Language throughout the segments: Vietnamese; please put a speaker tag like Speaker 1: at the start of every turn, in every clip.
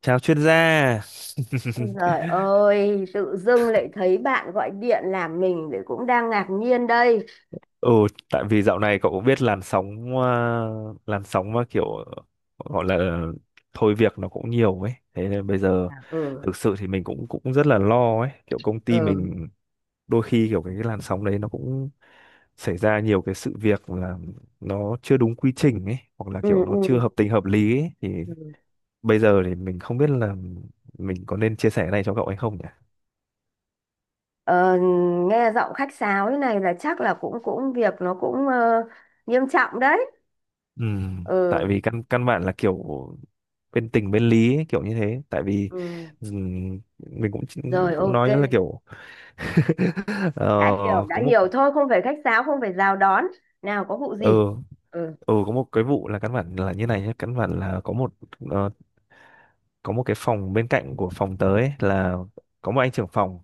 Speaker 1: Chào chuyên gia.
Speaker 2: Ôi Trời ơi, tự dưng lại thấy bạn gọi điện làm mình để cũng đang ngạc nhiên đây.
Speaker 1: Ừ, tại vì dạo này cậu cũng biết làn sóng mà kiểu gọi là thôi việc nó cũng nhiều ấy. Thế nên bây giờ
Speaker 2: Ừ.
Speaker 1: thực sự thì mình cũng cũng rất là lo ấy, kiểu công ty
Speaker 2: Ừ.
Speaker 1: mình đôi khi kiểu cái làn sóng đấy nó cũng xảy ra nhiều cái sự việc là nó chưa đúng quy trình ấy hoặc là kiểu
Speaker 2: Ừ.
Speaker 1: nó chưa
Speaker 2: Ừ.
Speaker 1: hợp tình hợp lý ấy. Thì
Speaker 2: Ừ.
Speaker 1: bây giờ thì mình không biết là mình có nên chia sẻ cái này cho cậu hay không nhỉ?
Speaker 2: Ờ, Nghe giọng khách sáo thế này là chắc là cũng cũng việc nó cũng nghiêm trọng đấy.
Speaker 1: Ừ, tại
Speaker 2: Ừ.
Speaker 1: vì căn căn bản là kiểu bên tình bên lý ấy, kiểu như thế, tại vì
Speaker 2: Ừ,
Speaker 1: mình cũng
Speaker 2: rồi
Speaker 1: cũng
Speaker 2: ok,
Speaker 1: nói là kiểu ờ,
Speaker 2: đã
Speaker 1: có một
Speaker 2: hiểu thôi, không phải khách sáo, không phải chào đón. Nào có vụ
Speaker 1: ờ
Speaker 2: gì? Ừ.
Speaker 1: có một cái vụ là căn bản là như này nhé, căn bản là có một, ờ, có một cái phòng bên cạnh của phòng tớ ấy, là có một anh trưởng phòng.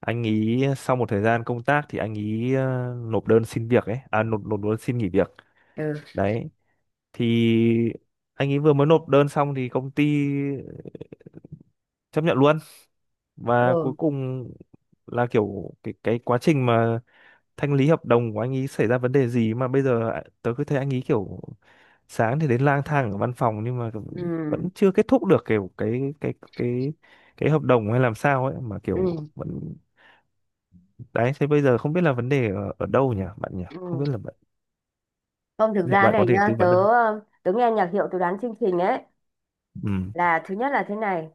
Speaker 1: Anh ý sau một thời gian công tác thì anh ý nộp đơn xin nghỉ việc.
Speaker 2: Ừ.
Speaker 1: Đấy, thì anh ấy vừa mới nộp đơn xong thì công ty chấp nhận luôn, và cuối
Speaker 2: Ừ.
Speaker 1: cùng là kiểu cái quá trình mà thanh lý hợp đồng của anh ấy xảy ra vấn đề gì mà bây giờ ạ, tớ cứ thấy anh ấy kiểu sáng thì đến lang thang ở văn phòng nhưng mà
Speaker 2: Ừ.
Speaker 1: vẫn chưa kết thúc được kiểu cái hợp đồng hay làm sao ấy mà kiểu
Speaker 2: Ừ.
Speaker 1: vẫn. Đấy, thế bây giờ không biết là vấn đề ở đâu nhỉ bạn nhỉ,
Speaker 2: Ừ.
Speaker 1: không biết là bạn,
Speaker 2: Không, thực
Speaker 1: liệu
Speaker 2: ra
Speaker 1: bạn có
Speaker 2: này
Speaker 1: thể tư
Speaker 2: nhá, tớ
Speaker 1: vấn được không?
Speaker 2: ờ, tớ nghe nhạc hiệu tớ đoán chương trình ấy,
Speaker 1: Ừ,
Speaker 2: là thứ nhất là thế này,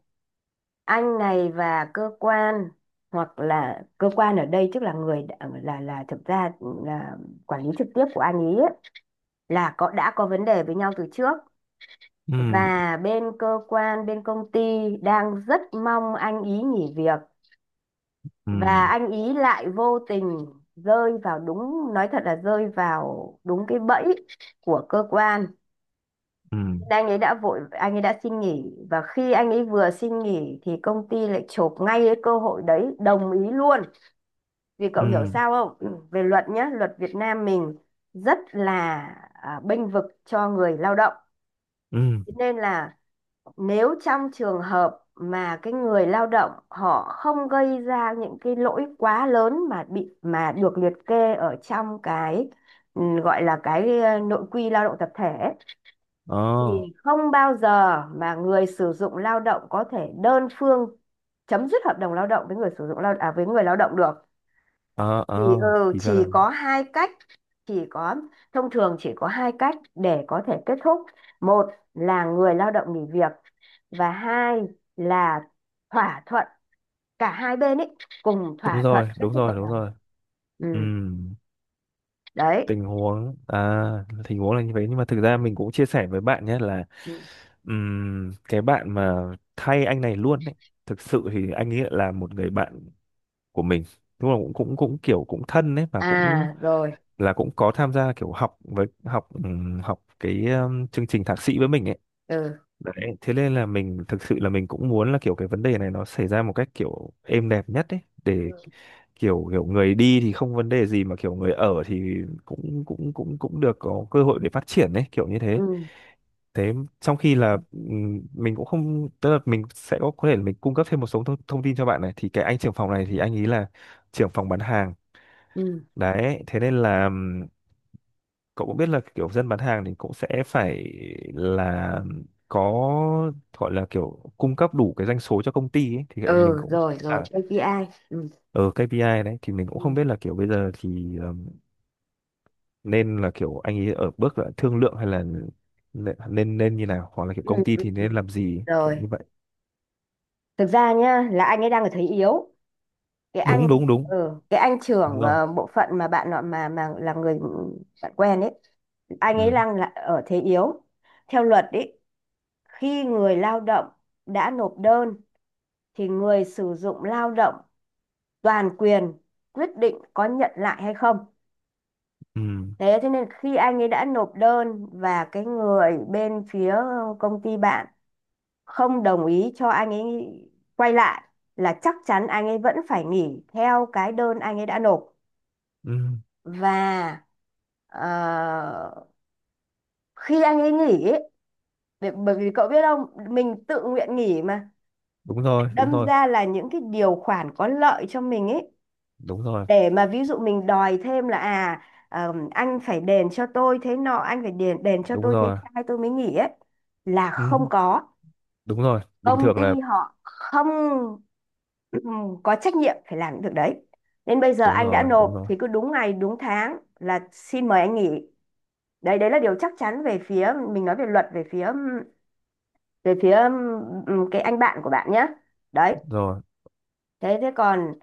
Speaker 2: anh này và cơ quan, hoặc là cơ quan ở đây tức là là thực ra là quản lý trực tiếp của anh ý ấy, là có đã có vấn đề với nhau từ trước,
Speaker 1: ừ,
Speaker 2: và bên cơ quan bên công ty đang rất mong anh ý nghỉ việc,
Speaker 1: ừ,
Speaker 2: và anh ý lại vô tình rơi vào đúng, nói thật là rơi vào đúng cái bẫy của cơ quan.
Speaker 1: ừ,
Speaker 2: Anh ấy đã vội, anh ấy đã xin nghỉ, và khi anh ấy vừa xin nghỉ thì công ty lại chộp ngay cái cơ hội đấy, đồng ý luôn. Vì cậu
Speaker 1: ừ,
Speaker 2: hiểu sao không? Ừ. Về luật nhá, luật Việt Nam mình rất là bênh vực cho người lao động.
Speaker 1: ừ.
Speaker 2: Thế nên là nếu trong trường hợp mà cái người lao động họ không gây ra những cái lỗi quá lớn mà bị mà được liệt kê ở trong cái gọi là cái nội quy lao động tập thể ấy,
Speaker 1: Ờ,
Speaker 2: thì không bao giờ mà người sử dụng lao động có thể đơn phương chấm dứt hợp đồng lao động với người sử dụng lao à với người lao động được.
Speaker 1: ờ, ờ.
Speaker 2: Thì
Speaker 1: Thì ra
Speaker 2: chỉ
Speaker 1: là
Speaker 2: có hai cách, chỉ có, thông thường chỉ có hai cách để có thể kết thúc: một là người lao động nghỉ việc, và hai là thỏa thuận, cả hai bên ấy cùng
Speaker 1: đúng
Speaker 2: thỏa thuận
Speaker 1: rồi,
Speaker 2: kết
Speaker 1: đúng
Speaker 2: thúc
Speaker 1: rồi,
Speaker 2: hợp
Speaker 1: đúng
Speaker 2: đồng.
Speaker 1: rồi. Ừ,
Speaker 2: Ừ, đấy.
Speaker 1: tình huống à tình huống là như vậy, nhưng mà thực ra mình cũng chia sẻ với bạn nhé, là
Speaker 2: Ừ.
Speaker 1: cái bạn mà thay anh này luôn ấy, thực sự thì anh ấy là một người bạn của mình, đúng là cũng cũng cũng kiểu cũng thân ấy, và cũng
Speaker 2: À rồi.
Speaker 1: là cũng có tham gia kiểu học với học học cái chương trình thạc sĩ với mình ấy.
Speaker 2: Ừ.
Speaker 1: Đấy, thế nên là mình thực sự là mình cũng muốn là kiểu cái vấn đề này nó xảy ra một cách kiểu êm đẹp nhất ấy, để kiểu kiểu người đi thì không vấn đề gì, mà kiểu người ở thì cũng cũng cũng cũng được có cơ hội để phát triển ấy kiểu như thế.
Speaker 2: Ừ.
Speaker 1: Thế, trong khi là mình cũng không, tức là mình sẽ có thể là mình cung cấp thêm một số thông tin cho bạn này, thì cái anh trưởng phòng này thì anh ý là trưởng phòng bán hàng.
Speaker 2: Ừ.
Speaker 1: Đấy, thế nên là cậu cũng biết là kiểu dân bán hàng thì cũng sẽ phải là có, gọi là kiểu cung cấp đủ cái doanh số cho công ty ấy, thì mình
Speaker 2: Ừ.
Speaker 1: cũng
Speaker 2: Rồi rồi
Speaker 1: à,
Speaker 2: KPI. Ừ.
Speaker 1: ở KPI. Đấy, thì mình cũng không
Speaker 2: Ừ.
Speaker 1: biết là kiểu bây giờ thì nên là kiểu anh ấy ở bước là thương lượng hay là nên nên nên như nào, hoặc là kiểu
Speaker 2: Ừ.
Speaker 1: công ty
Speaker 2: Ừ,
Speaker 1: thì
Speaker 2: ừ.
Speaker 1: nên làm gì kiểu
Speaker 2: Rồi,
Speaker 1: như vậy.
Speaker 2: thực ra nhá là anh ấy đang ở thế yếu, cái anh,
Speaker 1: Đúng, đúng, đúng,
Speaker 2: ừ, cái anh
Speaker 1: đúng
Speaker 2: trưởng
Speaker 1: rồi.
Speaker 2: bộ phận mà bạn nọ mà là người bạn quen ấy, anh ấy
Speaker 1: Ừ,
Speaker 2: đang là ở thế yếu theo luật ấy. Khi người lao động đã nộp đơn thì người sử dụng lao động toàn quyền quyết định có nhận lại hay không.
Speaker 1: ừ,
Speaker 2: Thế thế nên khi anh ấy đã nộp đơn và cái người bên phía công ty bạn không đồng ý cho anh ấy quay lại, là chắc chắn anh ấy vẫn phải nghỉ theo cái đơn anh ấy đã nộp.
Speaker 1: ừ.
Speaker 2: Và ờ, khi anh ấy nghỉ ấy, để, bởi vì cậu biết không, mình tự nguyện nghỉ mà,
Speaker 1: Đúng rồi, đúng
Speaker 2: đâm
Speaker 1: rồi,
Speaker 2: ra là những cái điều khoản có lợi cho mình ấy,
Speaker 1: đúng rồi,
Speaker 2: để mà ví dụ mình đòi thêm là anh phải đền cho tôi thế nọ, anh phải đền đền cho
Speaker 1: đúng
Speaker 2: tôi thế
Speaker 1: rồi.
Speaker 2: trai tôi mới nghỉ ấy, là
Speaker 1: Ừ,
Speaker 2: không có.
Speaker 1: đúng rồi, bình
Speaker 2: Công
Speaker 1: thường
Speaker 2: ty
Speaker 1: là
Speaker 2: họ không có trách nhiệm phải làm những việc đấy, nên bây giờ
Speaker 1: đúng
Speaker 2: anh đã
Speaker 1: rồi, đúng
Speaker 2: nộp
Speaker 1: rồi,
Speaker 2: thì cứ đúng ngày đúng tháng là xin mời anh nghỉ. Đấy, đấy là điều chắc chắn về phía mình, nói về luật, về phía cái anh bạn của bạn nhé. Đấy.
Speaker 1: rồi.
Speaker 2: Thế thế còn,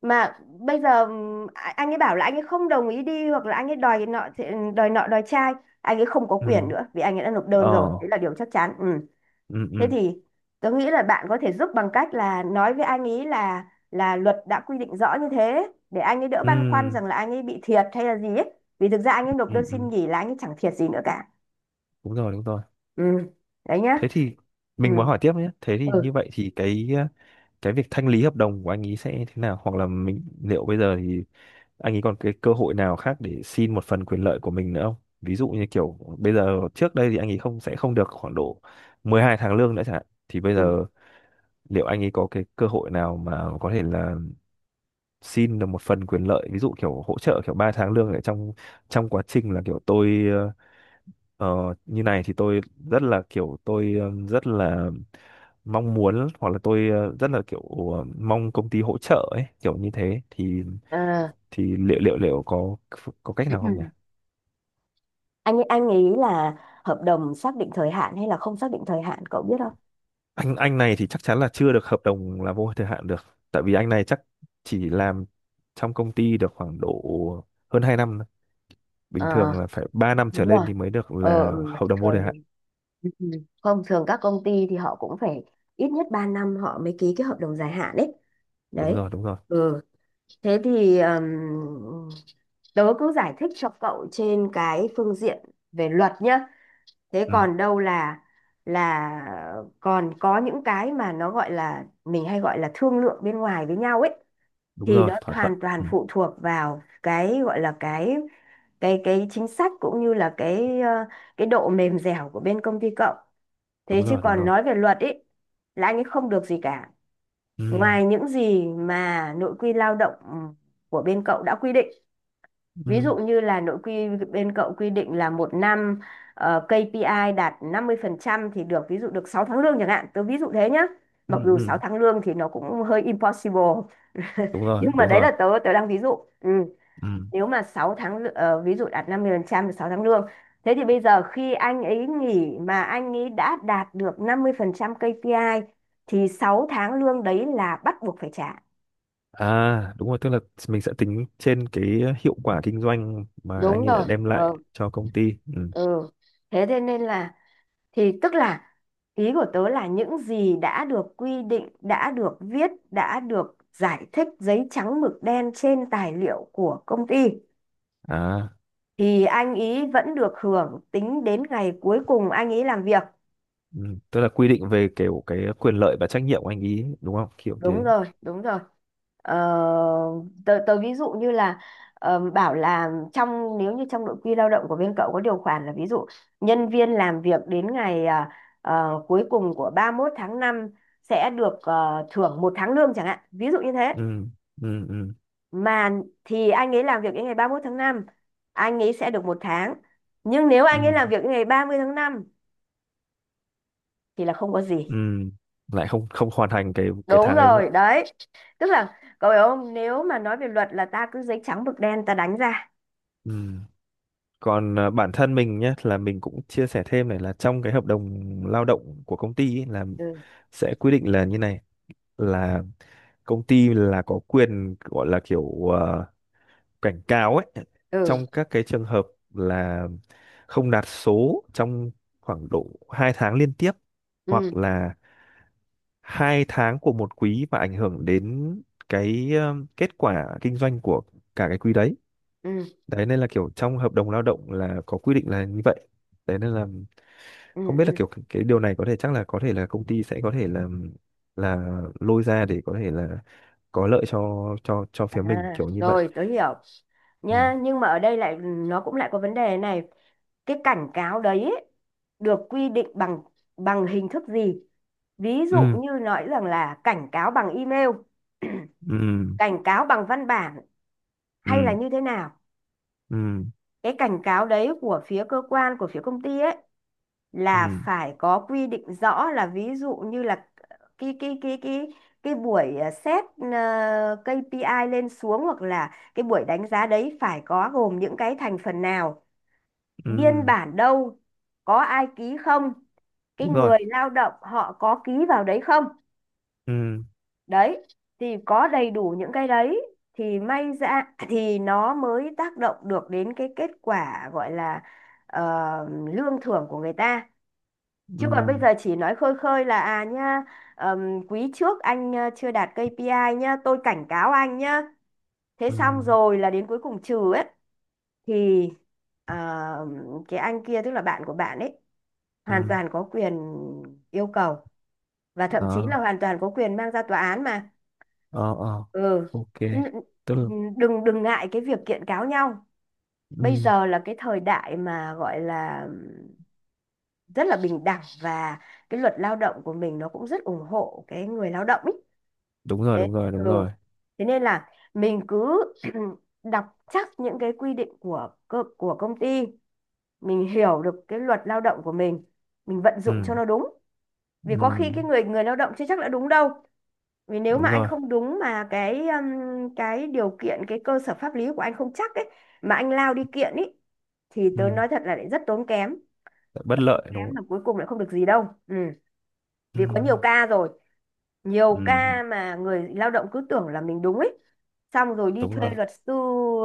Speaker 2: mà bây giờ anh ấy bảo là anh ấy không đồng ý đi, hoặc là anh ấy đòi nọ đòi nọ đòi trai, anh ấy không có
Speaker 1: Ừ,
Speaker 2: quyền nữa vì anh ấy đã nộp
Speaker 1: ờ,
Speaker 2: đơn rồi. Đấy là điều chắc chắn. Ừ.
Speaker 1: ừ,
Speaker 2: Thế
Speaker 1: ừ,
Speaker 2: thì tớ nghĩ là bạn có thể giúp bằng cách là nói với anh ấy là luật đã quy định rõ như thế, để anh ấy đỡ băn khoăn
Speaker 1: ừ,
Speaker 2: rằng là anh ấy bị thiệt hay là gì ấy, vì thực ra anh ấy nộp đơn
Speaker 1: ừ, ừ.
Speaker 2: xin nghỉ là anh ấy chẳng thiệt gì nữa cả.
Speaker 1: Đúng rồi, đúng rồi.
Speaker 2: Ừ, đấy nhá.
Speaker 1: Thế thì
Speaker 2: Ừ.
Speaker 1: mình muốn hỏi tiếp nhé. Thế thì như
Speaker 2: Ừ.
Speaker 1: vậy thì cái việc thanh lý hợp đồng của anh ý sẽ thế nào, hoặc là mình liệu bây giờ thì anh ấy còn cái cơ hội nào khác để xin một phần quyền lợi của mình nữa không, ví dụ như kiểu bây giờ trước đây thì anh ấy không sẽ không được khoảng độ 12 tháng lương nữa chẳng hạn, thì bây
Speaker 2: Ừ.
Speaker 1: giờ liệu anh ấy có cái cơ hội nào mà có thể là xin được một phần quyền lợi, ví dụ kiểu hỗ trợ kiểu 3 tháng lương ở trong trong quá trình là kiểu tôi, Ờ, như này thì tôi rất là kiểu tôi, rất là mong muốn, hoặc là tôi, rất là kiểu mong công ty hỗ trợ ấy kiểu như thế, thì
Speaker 2: À.
Speaker 1: liệu liệu liệu có cách nào không nhỉ?
Speaker 2: Anh nghĩ là hợp đồng xác định thời hạn hay là không xác định thời hạn, cậu biết không?
Speaker 1: Anh này thì chắc chắn là chưa được hợp đồng là vô thời hạn được, tại vì anh này chắc chỉ làm trong công ty được khoảng độ hơn 2 năm thôi. Bình
Speaker 2: ờ
Speaker 1: thường là phải 3 năm trở
Speaker 2: Đúng
Speaker 1: lên
Speaker 2: rồi.
Speaker 1: thì mới được là
Speaker 2: Ừ,
Speaker 1: hợp đồng vô
Speaker 2: thường
Speaker 1: thời
Speaker 2: thì,
Speaker 1: hạn.
Speaker 2: ừ, ừ, không, thường các công ty thì họ cũng phải ít nhất 3 năm họ mới ký cái hợp đồng dài hạn đấy.
Speaker 1: Đúng
Speaker 2: Đấy.
Speaker 1: rồi, đúng rồi.
Speaker 2: Ừ, thế thì tớ cứ giải thích cho cậu trên cái phương diện về luật nhá. Thế
Speaker 1: Ừ,
Speaker 2: còn đâu là còn có những cái mà nó gọi là mình hay gọi là thương lượng bên ngoài với nhau ấy,
Speaker 1: đúng
Speaker 2: thì
Speaker 1: rồi,
Speaker 2: nó
Speaker 1: thỏa thuận.
Speaker 2: hoàn toàn
Speaker 1: Ừ,
Speaker 2: phụ thuộc vào cái gọi là cái chính sách cũng như là cái cái độ mềm dẻo của bên công ty cậu. Thế
Speaker 1: đúng
Speaker 2: chứ
Speaker 1: rồi, đúng
Speaker 2: còn
Speaker 1: rồi.
Speaker 2: nói về luật ấy là anh ấy không được gì cả,
Speaker 1: Ừ,
Speaker 2: ngoài những gì mà nội quy lao động của bên cậu đã quy định. Ví
Speaker 1: ừ,
Speaker 2: dụ như là nội quy bên cậu quy định là một năm, KPI đạt 50% thì được, ví dụ được 6 tháng lương chẳng hạn. Tớ ví dụ thế nhá.
Speaker 1: ừ.
Speaker 2: Mặc dù
Speaker 1: Ừ.
Speaker 2: 6 tháng lương thì nó cũng hơi impossible,
Speaker 1: Đúng rồi,
Speaker 2: nhưng mà
Speaker 1: đúng
Speaker 2: đấy
Speaker 1: rồi.
Speaker 2: là tớ tớ đang ví dụ. Ừ.
Speaker 1: Ừ.
Speaker 2: Nếu mà 6 tháng lư- ờ, ví dụ đạt 50% là 6 tháng lương. Thế thì bây giờ khi anh ấy nghỉ mà anh ấy đã đạt được 50% KPI thì 6 tháng lương đấy là bắt buộc phải trả.
Speaker 1: À, đúng rồi, tức là mình sẽ tính trên cái hiệu quả kinh doanh mà
Speaker 2: Đúng
Speaker 1: anh ấy đã
Speaker 2: rồi.
Speaker 1: đem
Speaker 2: Ờ,
Speaker 1: lại cho công ty. Ừ.
Speaker 2: ừ. Thế thế nên là, thì tức là, ý của tớ là những gì đã được quy định, đã được viết, đã được giải thích giấy trắng mực đen trên tài liệu của công ty
Speaker 1: À,
Speaker 2: thì anh ý vẫn được hưởng tính đến ngày cuối cùng anh ý làm việc.
Speaker 1: ừ. Tức là quy định về kiểu cái quyền lợi và trách nhiệm của anh ý đúng không, kiểu
Speaker 2: Đúng
Speaker 1: thế.
Speaker 2: rồi. Đúng rồi. Ờ, tớ ví dụ như là bảo là, nếu như trong nội quy lao động của bên cậu có điều khoản là, ví dụ nhân viên làm việc đến ngày cuối cùng của 31 tháng 5 sẽ được thưởng một tháng lương chẳng hạn, ví dụ như thế.
Speaker 1: Ừ. Ừ. Ừ.
Speaker 2: Mà thì anh ấy làm việc đến ngày 31 tháng 5 anh ấy sẽ được một tháng, nhưng nếu
Speaker 1: Ừ.
Speaker 2: anh ấy làm việc đến ngày 30 tháng 5 thì là không có gì.
Speaker 1: Ừ. Lại không không hoàn thành cái
Speaker 2: Đúng
Speaker 1: tháng đấy đúng
Speaker 2: rồi,
Speaker 1: không ạ?
Speaker 2: đấy, tức là cậu hiểu không, nếu mà nói về luật là ta cứ giấy trắng mực đen ta đánh ra.
Speaker 1: Ừ. Còn à, bản thân mình nhé, là mình cũng chia sẻ thêm này, là trong cái hợp đồng lao động của công ty ý, là
Speaker 2: Ừ.
Speaker 1: sẽ quy định là như này, là công ty là có quyền gọi là kiểu cảnh cáo ấy
Speaker 2: Ừ.
Speaker 1: trong các cái trường hợp là không đạt số trong khoảng độ 2 tháng liên tiếp,
Speaker 2: Ừ.
Speaker 1: hoặc là 2 tháng của một quý và ảnh hưởng đến cái kết quả kinh doanh của cả cái quý đấy.
Speaker 2: Ừ.
Speaker 1: Đấy nên là kiểu trong hợp đồng lao động là có quy định là như vậy. Đấy nên là
Speaker 2: Ừ.
Speaker 1: không biết là
Speaker 2: Ừ.
Speaker 1: kiểu cái điều này có thể chắc là có thể là công ty sẽ có thể là là lôi ra để có thể là có lợi cho
Speaker 2: À
Speaker 1: phía mình kiểu như vậy.
Speaker 2: rồi tớ hiểu
Speaker 1: Ừ,
Speaker 2: nhá, nhưng mà ở đây lại nó cũng lại có vấn đề này: cái cảnh cáo đấy ấy, được quy định bằng bằng hình thức gì? Ví dụ
Speaker 1: ừ,
Speaker 2: như nói rằng là cảnh cáo bằng email,
Speaker 1: ừ,
Speaker 2: cảnh cáo bằng văn bản, hay là
Speaker 1: ừ,
Speaker 2: như thế nào.
Speaker 1: ừ,
Speaker 2: Cái cảnh cáo đấy của phía cơ quan, của phía công ty ấy, là
Speaker 1: ừ,
Speaker 2: phải có quy định rõ, là ví dụ như là cái cái buổi xét, à, i lên xuống, hoặc là cái buổi đánh giá đấy phải có gồm những cái thành phần nào, biên
Speaker 1: ừ,
Speaker 2: bản đâu, có ai ký không, cái
Speaker 1: đúng rồi.
Speaker 2: người lao động họ có ký vào đấy không?
Speaker 1: Ừ,
Speaker 2: Đấy, thì có đầy đủ những cái đấy thì may ra, thì nó mới tác động được đến cái kết quả gọi là ờ, lương thưởng của người ta. Chứ còn bây
Speaker 1: ừ,
Speaker 2: giờ chỉ nói khơi khơi là, nha, quý trước anh chưa đạt KPI nhá, tôi cảnh cáo anh nhá. Thế
Speaker 1: ừ,
Speaker 2: xong rồi là đến cuối cùng trừ ấy, thì ờ, cái anh kia tức là bạn của bạn ấy hoàn
Speaker 1: ừ.
Speaker 2: toàn có quyền yêu cầu, và thậm chí là
Speaker 1: Đó.
Speaker 2: hoàn toàn có quyền mang ra tòa án mà.
Speaker 1: Ờ, ờ,
Speaker 2: Ừ.
Speaker 1: ok,
Speaker 2: N-
Speaker 1: tức là.
Speaker 2: Đừng đừng ngại cái việc kiện cáo nhau.
Speaker 1: Ừ,
Speaker 2: Bây giờ là cái thời đại mà gọi là rất là bình đẳng, và cái luật lao động của mình nó cũng rất ủng hộ cái người lao động ý.
Speaker 1: đúng rồi,
Speaker 2: Thế,
Speaker 1: đúng rồi, đúng rồi.
Speaker 2: ừ. Thế nên là mình cứ đọc chắc những cái quy định của của công ty, mình hiểu được cái luật lao động của mình vận dụng
Speaker 1: Ừ,
Speaker 2: cho nó đúng. Vì
Speaker 1: ừ,
Speaker 2: có khi cái người người lao động chưa chắc đã đúng đâu. Vì nếu mà
Speaker 1: đúng
Speaker 2: anh
Speaker 1: rồi.
Speaker 2: không đúng, mà cái điều kiện, cái cơ sở pháp lý của anh không chắc ấy, mà anh lao đi kiện ấy, thì
Speaker 1: Ừ,
Speaker 2: tớ nói thật là lại rất tốn kém,
Speaker 1: bất
Speaker 2: rất
Speaker 1: lợi
Speaker 2: tốn
Speaker 1: đúng
Speaker 2: kém,
Speaker 1: không?
Speaker 2: là cuối cùng lại không được gì đâu. Ừ.
Speaker 1: Ừ,
Speaker 2: Vì có nhiều ca rồi, nhiều
Speaker 1: ừ,
Speaker 2: ca mà người lao động cứ tưởng là mình đúng ấy, xong rồi đi
Speaker 1: đúng
Speaker 2: thuê
Speaker 1: rồi.
Speaker 2: luật sư.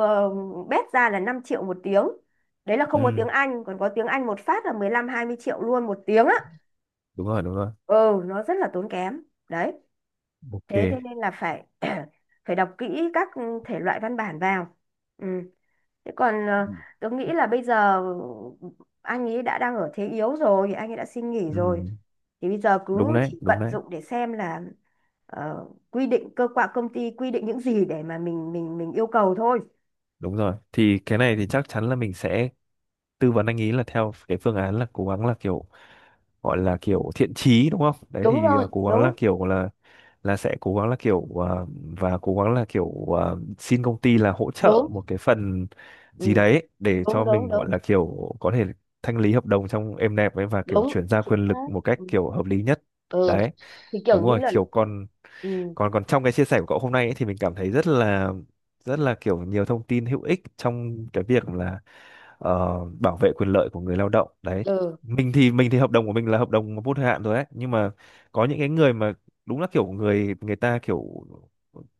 Speaker 2: ờ, Bét ra là 5 triệu một tiếng. Đấy là không có
Speaker 1: Ừ,
Speaker 2: tiếng Anh, còn có tiếng Anh một phát là 15-20 triệu luôn một tiếng á.
Speaker 1: đúng rồi, đúng rồi.
Speaker 2: Ừ, nó rất là tốn kém. Đấy.
Speaker 1: Ok.
Speaker 2: Thế thế nên là phải phải đọc kỹ các thể loại văn bản vào. Ừ. Thế còn tớ nghĩ là bây giờ anh ấy đã đang ở thế yếu rồi, anh ấy đã xin nghỉ
Speaker 1: Ừ,
Speaker 2: rồi. Thì bây giờ
Speaker 1: đúng
Speaker 2: cứ
Speaker 1: đấy,
Speaker 2: chỉ
Speaker 1: đúng
Speaker 2: vận
Speaker 1: đấy,
Speaker 2: dụng để xem là quy định cơ quan, công ty quy định những gì để mà mình yêu cầu thôi.
Speaker 1: đúng rồi. Thì cái này thì chắc chắn là mình sẽ tư vấn anh ý là theo cái phương án là cố gắng là kiểu, gọi là kiểu thiện chí đúng không? Đấy
Speaker 2: Đúng
Speaker 1: thì à,
Speaker 2: rồi.
Speaker 1: cố gắng
Speaker 2: Đúng.
Speaker 1: là kiểu là sẽ cố gắng là kiểu à, và cố gắng là kiểu à, xin công ty là hỗ trợ
Speaker 2: Đúng.
Speaker 1: một cái phần
Speaker 2: Ừ.
Speaker 1: gì đấy để
Speaker 2: Đúng.
Speaker 1: cho
Speaker 2: Đúng.
Speaker 1: mình gọi
Speaker 2: Đúng.
Speaker 1: là kiểu có thể thanh lý hợp đồng trong êm đẹp ấy, và kiểu
Speaker 2: Đúng
Speaker 1: chuyển giao quyền
Speaker 2: chính xác.
Speaker 1: lực một cách
Speaker 2: Ừ.
Speaker 1: kiểu hợp lý nhất.
Speaker 2: Ừ,
Speaker 1: Đấy,
Speaker 2: thì
Speaker 1: đúng
Speaker 2: kiểu như
Speaker 1: rồi,
Speaker 2: là.
Speaker 1: kiểu còn
Speaker 2: Ừ.
Speaker 1: còn còn trong cái chia sẻ của cậu hôm nay ấy, thì mình cảm thấy rất là kiểu nhiều thông tin hữu ích trong cái việc là ờ, bảo vệ quyền lợi của người lao động đấy.
Speaker 2: Ừ.
Speaker 1: Mình thì hợp đồng của mình là hợp đồng vô thời hạn rồi đấy, nhưng mà có những cái người mà đúng là kiểu người người ta kiểu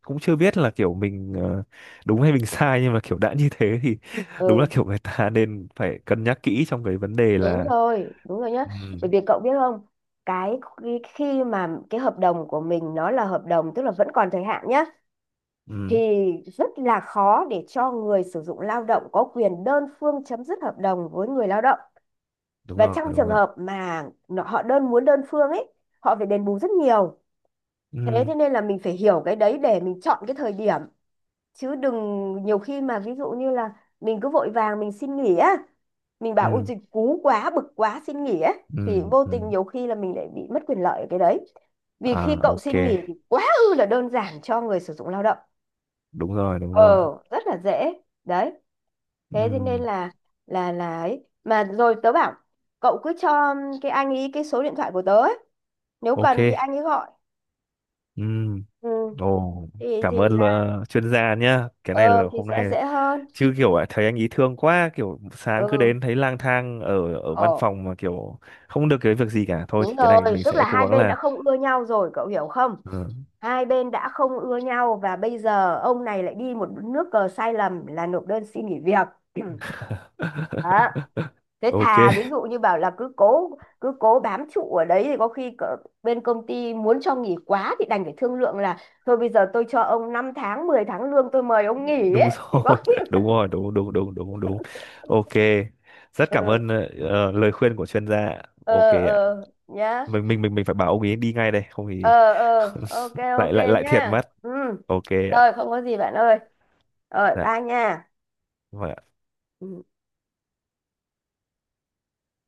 Speaker 1: cũng chưa biết là kiểu mình, đúng hay mình sai, nhưng mà kiểu đã như thế thì đúng là
Speaker 2: Ừ.
Speaker 1: kiểu người ta nên phải cân nhắc kỹ trong cái vấn đề
Speaker 2: Đúng
Speaker 1: là.
Speaker 2: rồi, đúng rồi nhá.
Speaker 1: Ừ,
Speaker 2: Bởi vì cậu biết không, cái khi khi mà cái hợp đồng của mình nó là hợp đồng tức là vẫn còn thời hạn nhá, thì
Speaker 1: ừ,
Speaker 2: rất là khó để cho người sử dụng lao động có quyền đơn phương chấm dứt hợp đồng với người lao động.
Speaker 1: đúng
Speaker 2: Và
Speaker 1: rồi,
Speaker 2: trong
Speaker 1: đúng
Speaker 2: trường
Speaker 1: rồi.
Speaker 2: hợp mà họ đơn muốn đơn phương ấy, họ phải đền bù rất nhiều. thế
Speaker 1: Ừ,
Speaker 2: thế nên là mình phải hiểu cái đấy để mình chọn cái thời điểm, chứ đừng, nhiều khi mà ví dụ như là mình cứ vội vàng mình xin nghỉ á, mình bảo ôi
Speaker 1: ừ,
Speaker 2: dịch cú quá, bực quá, xin nghỉ á, thì
Speaker 1: ừ,
Speaker 2: vô
Speaker 1: ừ.
Speaker 2: tình nhiều khi là mình lại bị mất quyền lợi ở cái đấy. Vì khi
Speaker 1: À,
Speaker 2: cậu
Speaker 1: ok,
Speaker 2: xin nghỉ thì quá ư là đơn giản cho người sử dụng lao động.
Speaker 1: đúng rồi, đúng
Speaker 2: ờ
Speaker 1: rồi.
Speaker 2: Rất là dễ. Đấy. Thế thế nên
Speaker 1: Ừm,
Speaker 2: là, là ấy mà, rồi tớ bảo cậu cứ cho cái anh ấy cái số điện thoại của tớ ấy. Nếu
Speaker 1: ok.
Speaker 2: cần thì anh ấy gọi.
Speaker 1: Ừm,
Speaker 2: Ừ.
Speaker 1: ồ,
Speaker 2: thì
Speaker 1: cảm
Speaker 2: thì
Speaker 1: ơn
Speaker 2: là
Speaker 1: chuyên gia nhá, cái này là
Speaker 2: ờ thì
Speaker 1: hôm
Speaker 2: sẽ
Speaker 1: nay
Speaker 2: dễ hơn.
Speaker 1: chứ kiểu à, thấy anh ý thương quá kiểu sáng cứ
Speaker 2: Ừ.
Speaker 1: đến thấy lang thang ở ở văn
Speaker 2: Ờ.
Speaker 1: phòng mà kiểu không được cái việc gì cả thôi, thì
Speaker 2: Đúng
Speaker 1: cái này
Speaker 2: rồi,
Speaker 1: mình
Speaker 2: tức là
Speaker 1: sẽ cố
Speaker 2: hai
Speaker 1: gắng
Speaker 2: bên đã
Speaker 1: là.
Speaker 2: không ưa nhau rồi, cậu hiểu không?
Speaker 1: Ừ.
Speaker 2: Hai bên đã không ưa nhau và bây giờ ông này lại đi một nước cờ sai lầm là nộp đơn xin nghỉ việc. Đó. Thế
Speaker 1: Ok,
Speaker 2: thà ví dụ như bảo là cứ cố, cứ cố bám trụ ở đấy thì có khi bên công ty muốn cho nghỉ quá thì đành phải thương lượng là, thôi bây giờ tôi cho ông 5 tháng 10 tháng lương, tôi mời ông nghỉ
Speaker 1: đúng
Speaker 2: ấy. Thì có
Speaker 1: rồi.
Speaker 2: khi
Speaker 1: Đúng rồi, đúng, đúng, đúng, đúng, đúng. Ok, rất cảm
Speaker 2: ừ,
Speaker 1: ơn lời khuyên của chuyên gia. Ok
Speaker 2: ờ
Speaker 1: ạ.
Speaker 2: ờ nhá.
Speaker 1: Mình phải bảo ông ấy đi ngay đây không thì
Speaker 2: Ờ ờ ok
Speaker 1: lại
Speaker 2: ok
Speaker 1: lại lại thiệt
Speaker 2: nha.
Speaker 1: mất.
Speaker 2: Ừ,
Speaker 1: Ok ạ.
Speaker 2: rồi, không có gì bạn ơi, rồi
Speaker 1: Dạ.
Speaker 2: ba nha.
Speaker 1: Không phải
Speaker 2: Ừ.